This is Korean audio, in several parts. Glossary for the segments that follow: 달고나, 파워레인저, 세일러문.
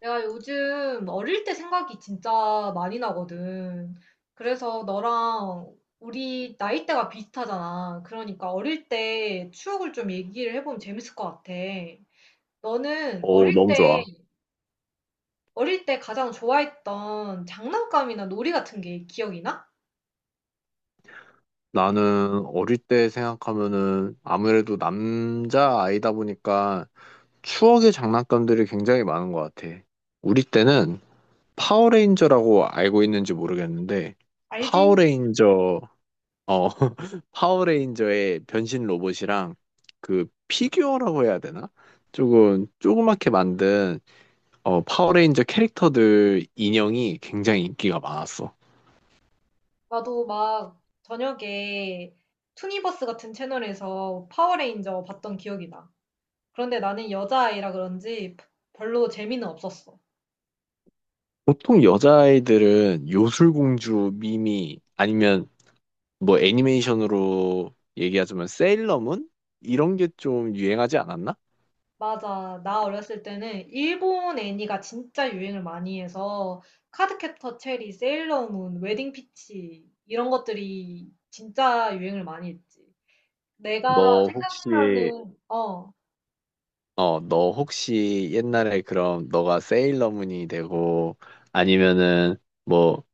내가 요즘 어릴 때 생각이 진짜 많이 나거든. 그래서 너랑 우리 나이대가 비슷하잖아. 그러니까 어릴 때 추억을 좀 얘기를 해보면 재밌을 것 같아. 너는 어, 어릴 너무 때, 좋아. 어릴 때 가장 좋아했던 장난감이나 놀이 같은 게 기억이 나? 나는 어릴 때 생각하면은 아무래도 남자 아이다 보니까 추억의 장난감들이 굉장히 많은 것 같아. 우리 때는 파워레인저라고 알고 있는지 모르겠는데, 알지? 파워레인저, 어, 파워레인저의 변신 로봇이랑 그 피규어라고 해야 되나? 조금 조그맣게 만든 파워레인저 캐릭터들 인형이 굉장히 인기가 많았어. 나도 막 저녁에 투니버스 같은 채널에서 파워레인저 봤던 기억이 나. 그런데 나는 여자아이라 그런지 별로 재미는 없었어. 보통 여자아이들은 요술공주 미미 아니면 뭐 애니메이션으로 얘기하자면 세일러문 이런 게 좀 유행하지 않았나? 맞아. 나 어렸을 때는 일본 애니가 진짜 유행을 많이 해서 카드캡터 체리, 세일러문, 웨딩 피치 이런 것들이 진짜 유행을 많이 했지. 내가 너 혹시 생각나는 너 혹시 옛날에 그럼 너가 세일러문이 되고 아니면은 뭐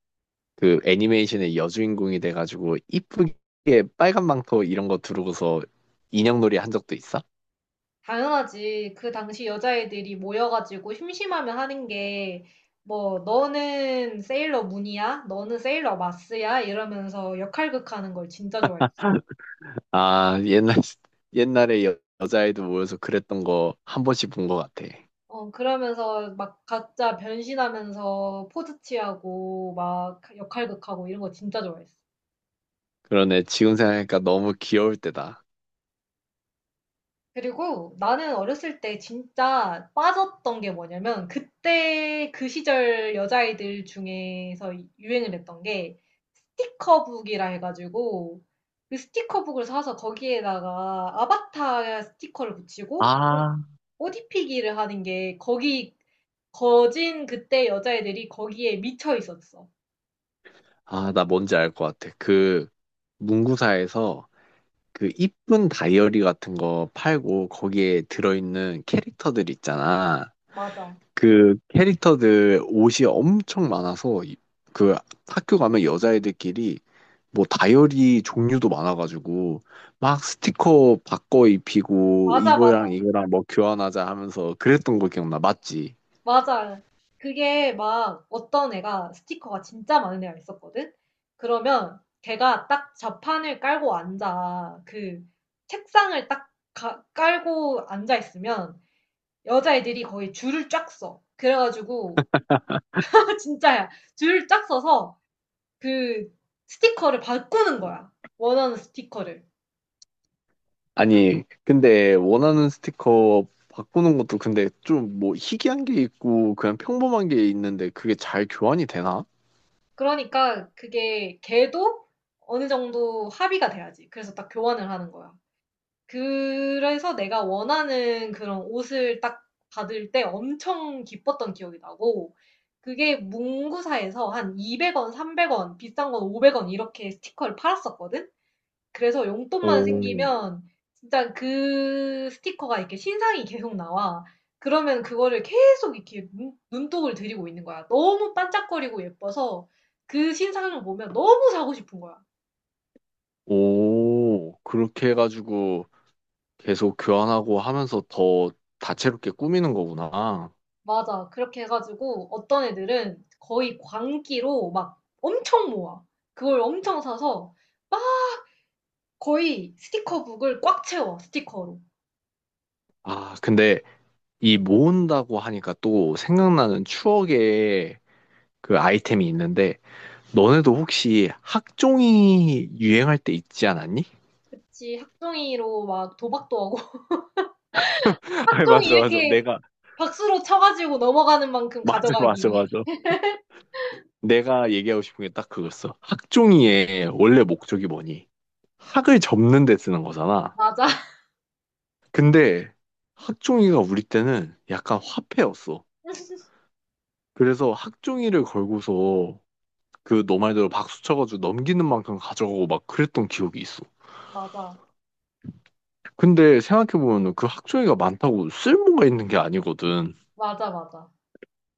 그 애니메이션의 여주인공이 돼가지고 이쁘게 빨간 망토 이런 거 두르고서 인형놀이 한 적도 있어? 당연하지. 그 당시 여자애들이 모여가지고 심심하면 하는 게 뭐 너는 세일러문이야? 너는 세일러마스야? 이러면서 역할극하는 걸 진짜 좋아했지. 아 옛날 옛날에 여자아이들 모여서 그랬던 거 한 번씩 본 것 같아. 어 그러면서 막 각자 변신하면서 포즈 취하고 막 역할극하고 이런 거 진짜 좋아했어. 그러네. 지금 생각하니까 너무 귀여울 때다. 그리고 나는 어렸을 때 진짜 빠졌던 게 뭐냐면 그때 그 시절 여자아이들 중에서 유행을 했던 게 스티커북이라 해가지고 그 스티커북을 사서 거기에다가 아바타 스티커를 붙이고 옷 아, 옷 입히기를 하는 게 거기 거진 그때 여자애들이 거기에 미쳐 있었어. 아, 나 뭔지 알 것 같아. 그 문구사에서 그 이쁜 다이어리 같은 거 팔고 거기에 들어있는 캐릭터들 있잖아. 맞아. 그 캐릭터들 옷이 엄청 많아서 그 학교 가면 여자애들끼리 뭐 다이어리 종류도 많아가지고 막 스티커 바꿔 입히고 맞아, 이거랑 맞아. 이거랑 뭐 교환하자 하면서 그랬던 거 기억나. 맞지? 맞아. 그게 막 어떤 애가 스티커가 진짜 많은 애가 있었거든? 그러면 걔가 딱 좌판을 깔고 앉아. 그 책상을 딱 깔고 앉아 있으면 여자애들이 거의 줄을 쫙 서. 그래가지고, 진짜야. 줄을 쫙 서서 그 스티커를 바꾸는 거야. 원하는 스티커를. 아니, 근데 원하는 스티커 바꾸는 것도 근데 좀 뭐 희귀한 게 있고 그냥 평범한 게 있는데 그게 잘 교환이 되나? 그러니까 그게 걔도 어느 정도 합의가 돼야지. 그래서 딱 교환을 하는 거야. 그래서 내가 원하는 그런 옷을 딱 받을 때 엄청 기뻤던 기억이 나고, 그게 문구사에서 한 200원, 300원, 비싼 건 500원 이렇게 스티커를 팔았었거든? 그래서 용돈만 오, 생기면 진짜 그 스티커가 이렇게 신상이 계속 나와. 그러면 그거를 계속 이렇게 눈독을 들이고 있는 거야. 너무 반짝거리고 예뻐서 그 신상을 보면 너무 사고 싶은 거야. 오, 그렇게 해가지고 계속 교환하고 하면서 더 다채롭게 꾸미는 거구나. 맞아. 그렇게 해가지고 어떤 애들은 거의 광기로 막 엄청 모아. 그걸 엄청 사서 막 거의 스티커북을 꽉 채워, 스티커로. 아, 근데 이 모은다고 하니까 또 생각나는 추억의 그 아이템이 있는데 너네도 혹시 학종이 유행할 때 있지 않았니? 그치, 학종이로 막 도박도 하고. 아니, 학종이 맞아, 맞아. 이렇게 내가, 박수로 쳐가지고 넘어가는 만큼 맞아, 가져가기. 맞아, 맞아. 내가 얘기하고 싶은 게 딱 그거였어. 학종이의 원래 목적이 뭐니? 학을 접는 데 쓰는 거잖아. 맞아. 근데 학종이가 우리 때는 약간 화폐였어. 그래서 학종이를 걸고서 그 너 말대로 박수 쳐가지고 넘기는 만큼 가져가고 막 그랬던 기억이 있어. 맞아. 근데 생각해보면 그 학종이가 많다고 쓸모가 있는 게 아니거든. 맞아, 맞아.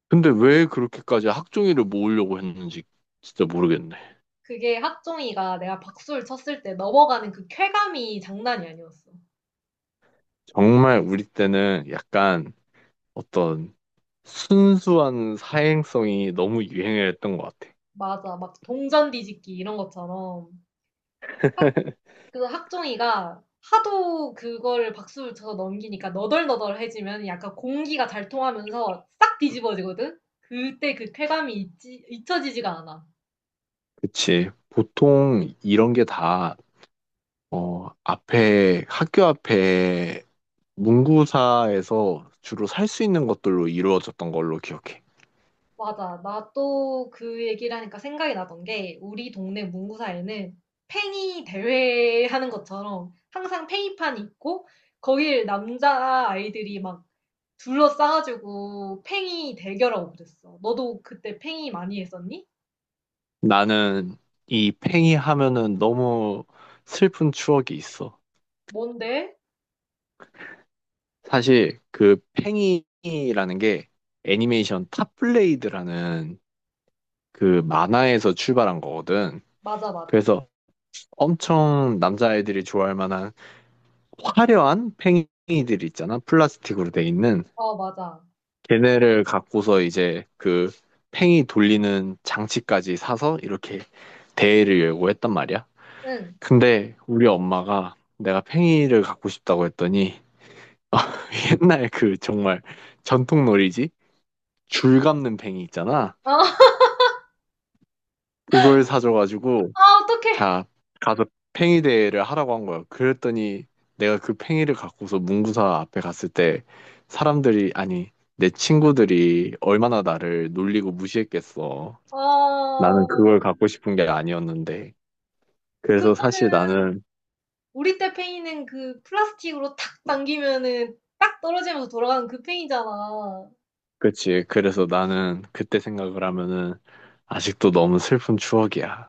근데 왜 그렇게까지 학종이를 모으려고 했는지 진짜 모르겠네. 그게 학종이가 내가 박수를 쳤을 때 넘어가는 그 쾌감이 장난이 아니었어. 정말 우리 때는 약간 어떤 순수한 사행성이 너무 유행을 했던 것 같아. 맞아. 막 동전 뒤집기 이런 것처럼. 그래서 학종이가 하도 그걸 박수를 쳐서 넘기니까 너덜너덜해지면 약간 공기가 잘 통하면서 싹 뒤집어지거든? 그때 그 쾌감이 잊혀지지가 않아. 그치. 보통 이런 게 다, 학교 앞에 문구사에서 주로 살 수 있는 것들로 이루어졌던 걸로 기억해. 맞아. 나 또 그 얘기를 하니까 생각이 나던 게 우리 동네 문구사에는 팽이 대회 하는 것처럼 항상 팽이판이 있고 거길 남자 아이들이 막 둘러싸가지고 팽이 대결하고 그랬어. 너도 그때 팽이 많이 했었니? 나는 이 팽이 하면은 너무 슬픈 추억이 있어. 뭔데? 사실 그 팽이라는 게 애니메이션 탑블레이드라는 그 만화에서 출발한 거거든. 맞아, 맞아. 그래서 엄청 남자애들이 좋아할 만한 화려한 팽이들 있잖아. 플라스틱으로 돼 있는. 어, 맞아. 걔네를 갖고서 이제 그 팽이 돌리는 장치까지 사서 이렇게 대회를 열고 했단 말이야. 응. 근데 우리 엄마가 내가 팽이를 갖고 싶다고 했더니 옛날 그 정말 전통 놀이지? 줄 감는 팽이 있잖아. 어, 그걸 사줘가지고 아, 어떡해. 자, 가서 팽이 대회를 하라고 한 거예요. 그랬더니 내가 그 팽이를 갖고서 문구사 앞에 갔을 때 사람들이, 아니, 내 친구들이 얼마나 나를 놀리고 무시했겠어. 나는 어, 그걸 갖고 싶은 게 아니었는데. 그래서 사실 그거는 나는, 우리 때 팽이는 그 플라스틱으로 탁 당기면은 딱 떨어지면서 돌아가는 그 팽이잖아. 그치. 그래서 나는 그때 생각을 하면은 아직도 너무 슬픈 추억이야.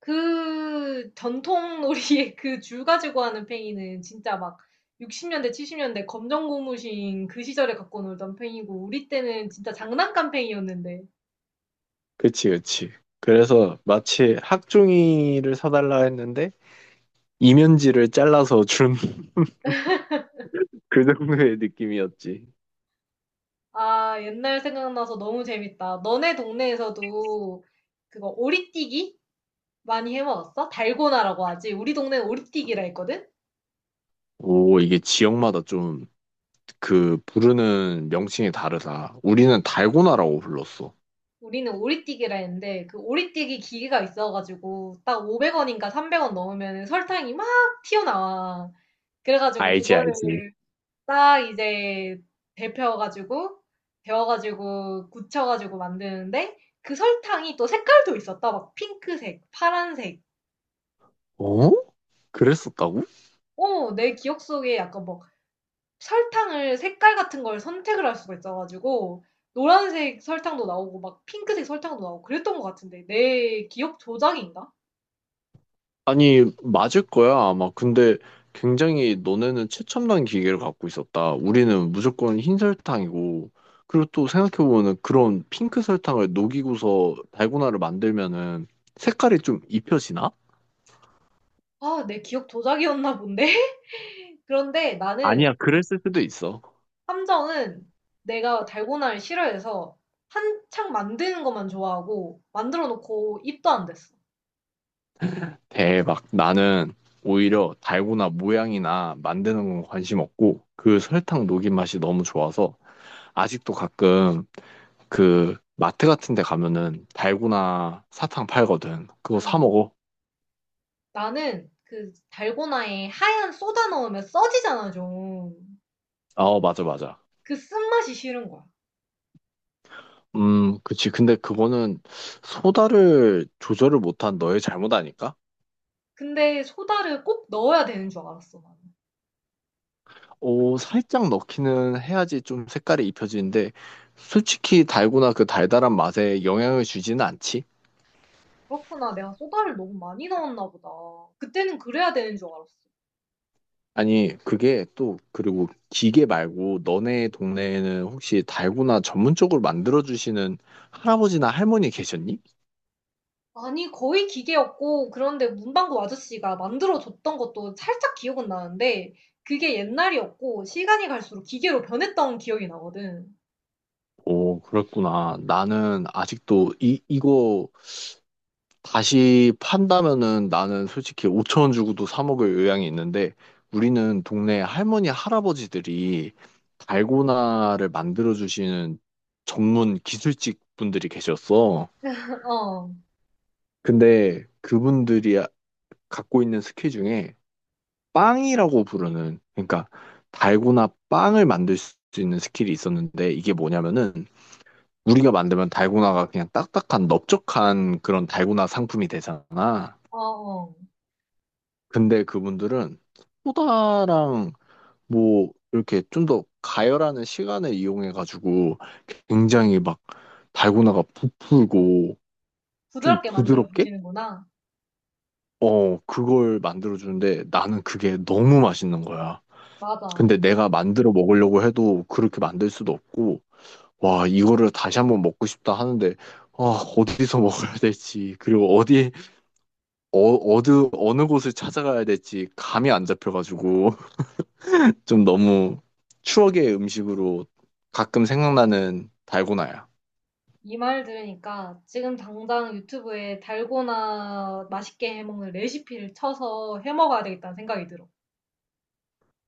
그 전통 놀이의 그 줄 가지고 하는 팽이는 진짜 막 60년대, 70년대 검정 고무신 그 시절에 갖고 놀던 팽이고 우리 때는 진짜 장난감 팽이였는데. 그치, 그치. 그래서 마치 학종이를 사달라 했는데 이면지를 잘라서 준 그 정도의 느낌이었지. 아, 옛날 생각나서 너무 재밌다. 너네 동네에서도 그거 오리뛰기? 많이 해 먹었어? 달고나라고 하지. 우리 동네는 오리띠기라 했거든? 오, 이게 지역마다 좀 그 부르는 명칭이 다르다. 우리는 달고나라고 불렀어. 우리는 오리띠기라 했는데 그 오리띠기 기계가 있어가지고 딱 500원인가 300원 넣으면 설탕이 막 튀어나와. 그래가지고 알지, 알지. 그거를 딱 이제 데펴가지고 데워가지고 굳혀가지고 만드는데 그 설탕이 또 색깔도 있었다. 막 핑크색, 파란색. 어? 그랬었다고? 어, 내 기억 속에 약간 뭐 설탕을 색깔 같은 걸 선택을 할 수가 있어 가지고 노란색 설탕도 나오고 막 핑크색 설탕도 나오고 그랬던 것 같은데 내 기억 조작인가? 아니, 맞을 거야, 아마. 근데 굉장히 너네는 최첨단 기계를 갖고 있었다. 우리는 무조건 흰 설탕이고. 그리고 또 생각해보면 그런 핑크 설탕을 녹이고서 달고나를 만들면은 색깔이 좀 입혀지나? 아, 내 기억 조작이었나 본데? 그런데 나는 아니야, 그랬을 수도 있어. 함정은 내가 달고나를 싫어해서 한창 만드는 것만 좋아하고 만들어 놓고 입도 안 댔어. 대박. 나는 오히려 달고나 모양이나 만드는 건 관심 없고 그 설탕 녹인 맛이 너무 좋아서 아직도 가끔 그 마트 같은 데 가면은 달고나 사탕 팔거든. 그거 사 음. 먹어. 나는 그 달고나에 하얀 소다 넣으면 써지잖아, 좀. 어, 맞아, 맞아. 그 쓴맛이 싫은 거야. 그치. 근데 그거는 소다를 조절을 못한 너의 잘못 아닐까? 근데 소다를 꼭 넣어야 되는 줄 알았어, 난. 오, 살짝 넣기는 해야지 좀 색깔이 입혀지는데 솔직히 달고나 그 달달한 맛에 영향을 주지는 않지. 그렇구나. 내가 소다를 너무 많이 넣었나 보다. 그때는 그래야 되는 줄 알았어. 아니, 그게 또, 그리고 기계 말고 너네 동네에는 혹시 달고나 전문적으로 만들어주시는 할아버지나 할머니 계셨니? 아니, 거의 기계였고, 그런데 문방구 아저씨가 만들어줬던 것도 살짝 기억은 나는데, 그게 옛날이었고, 시간이 갈수록 기계로 변했던 기억이 나거든. 오, 그랬구나. 나는 아직도 이거 다시 판다면은 나는 솔직히 5천 원 주고도 사 먹을 의향이 있는데 우리는 동네 할머니, 할아버지들이 달고나를 만들어주시는 전문 기술직 분들이 계셨어. 어, 근데 그분들이 갖고 있는 스킬 중에 빵이라고 부르는 그러니까 달고나 빵을 만들 수 있는 스킬이 있었는데 이게 뭐냐면은 우리가 만들면 달고나가 그냥 딱딱한 넓적한 그런 달고나 상품이 되잖아. 어. 근데 그분들은 소다랑 뭐 이렇게 좀 더 가열하는 시간을 이용해가지고 굉장히 막 달고나가 부풀고 좀 부드럽게 부드럽게 만들어주시는구나. 그걸 만들어주는데 나는 그게 너무 맛있는 거야. 맞아. 근데 내가 만들어 먹으려고 해도 그렇게 만들 수도 없고, 와, 이거를 다시 한번 먹고 싶다 하는데, 아, 어디서 먹어야 될지, 그리고 어느 곳을 찾아가야 될지 감이 안 잡혀가지고, 좀 너무 추억의 음식으로 가끔 생각나는 달고나야. 이 말 들으니까 지금 당장 유튜브에 달고나 맛있게 해먹는 레시피를 쳐서 해먹어야 되겠다는 생각이 들어.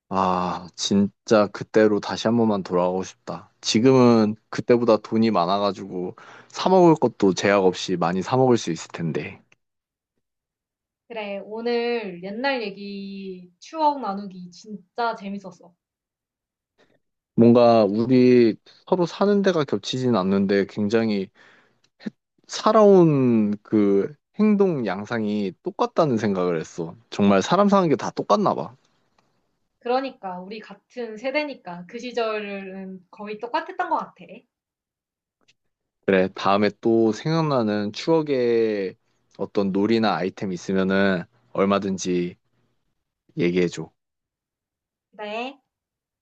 아, 진짜 그때로 다시 한 번만 돌아가고 싶다. 지금은 그때보다 돈이 많아가지고, 사 먹을 것도 제약 없이 많이 사 먹을 수 있을 텐데. 그래, 오늘 옛날 얘기 추억 나누기 진짜 재밌었어. 뭔가 우리 서로 사는 데가 겹치진 않는데 굉장히 살아온 그 행동 양상이 똑같다는 생각을 했어. 정말 사람 사는 게 다 똑같나 봐. 그러니까, 우리 같은 세대니까 그 시절은 거의 똑같았던 것 같아. 그래, 다음에 또 생각나는 추억의 어떤 놀이나 아이템 있으면은 얼마든지 얘기해줘. 그래.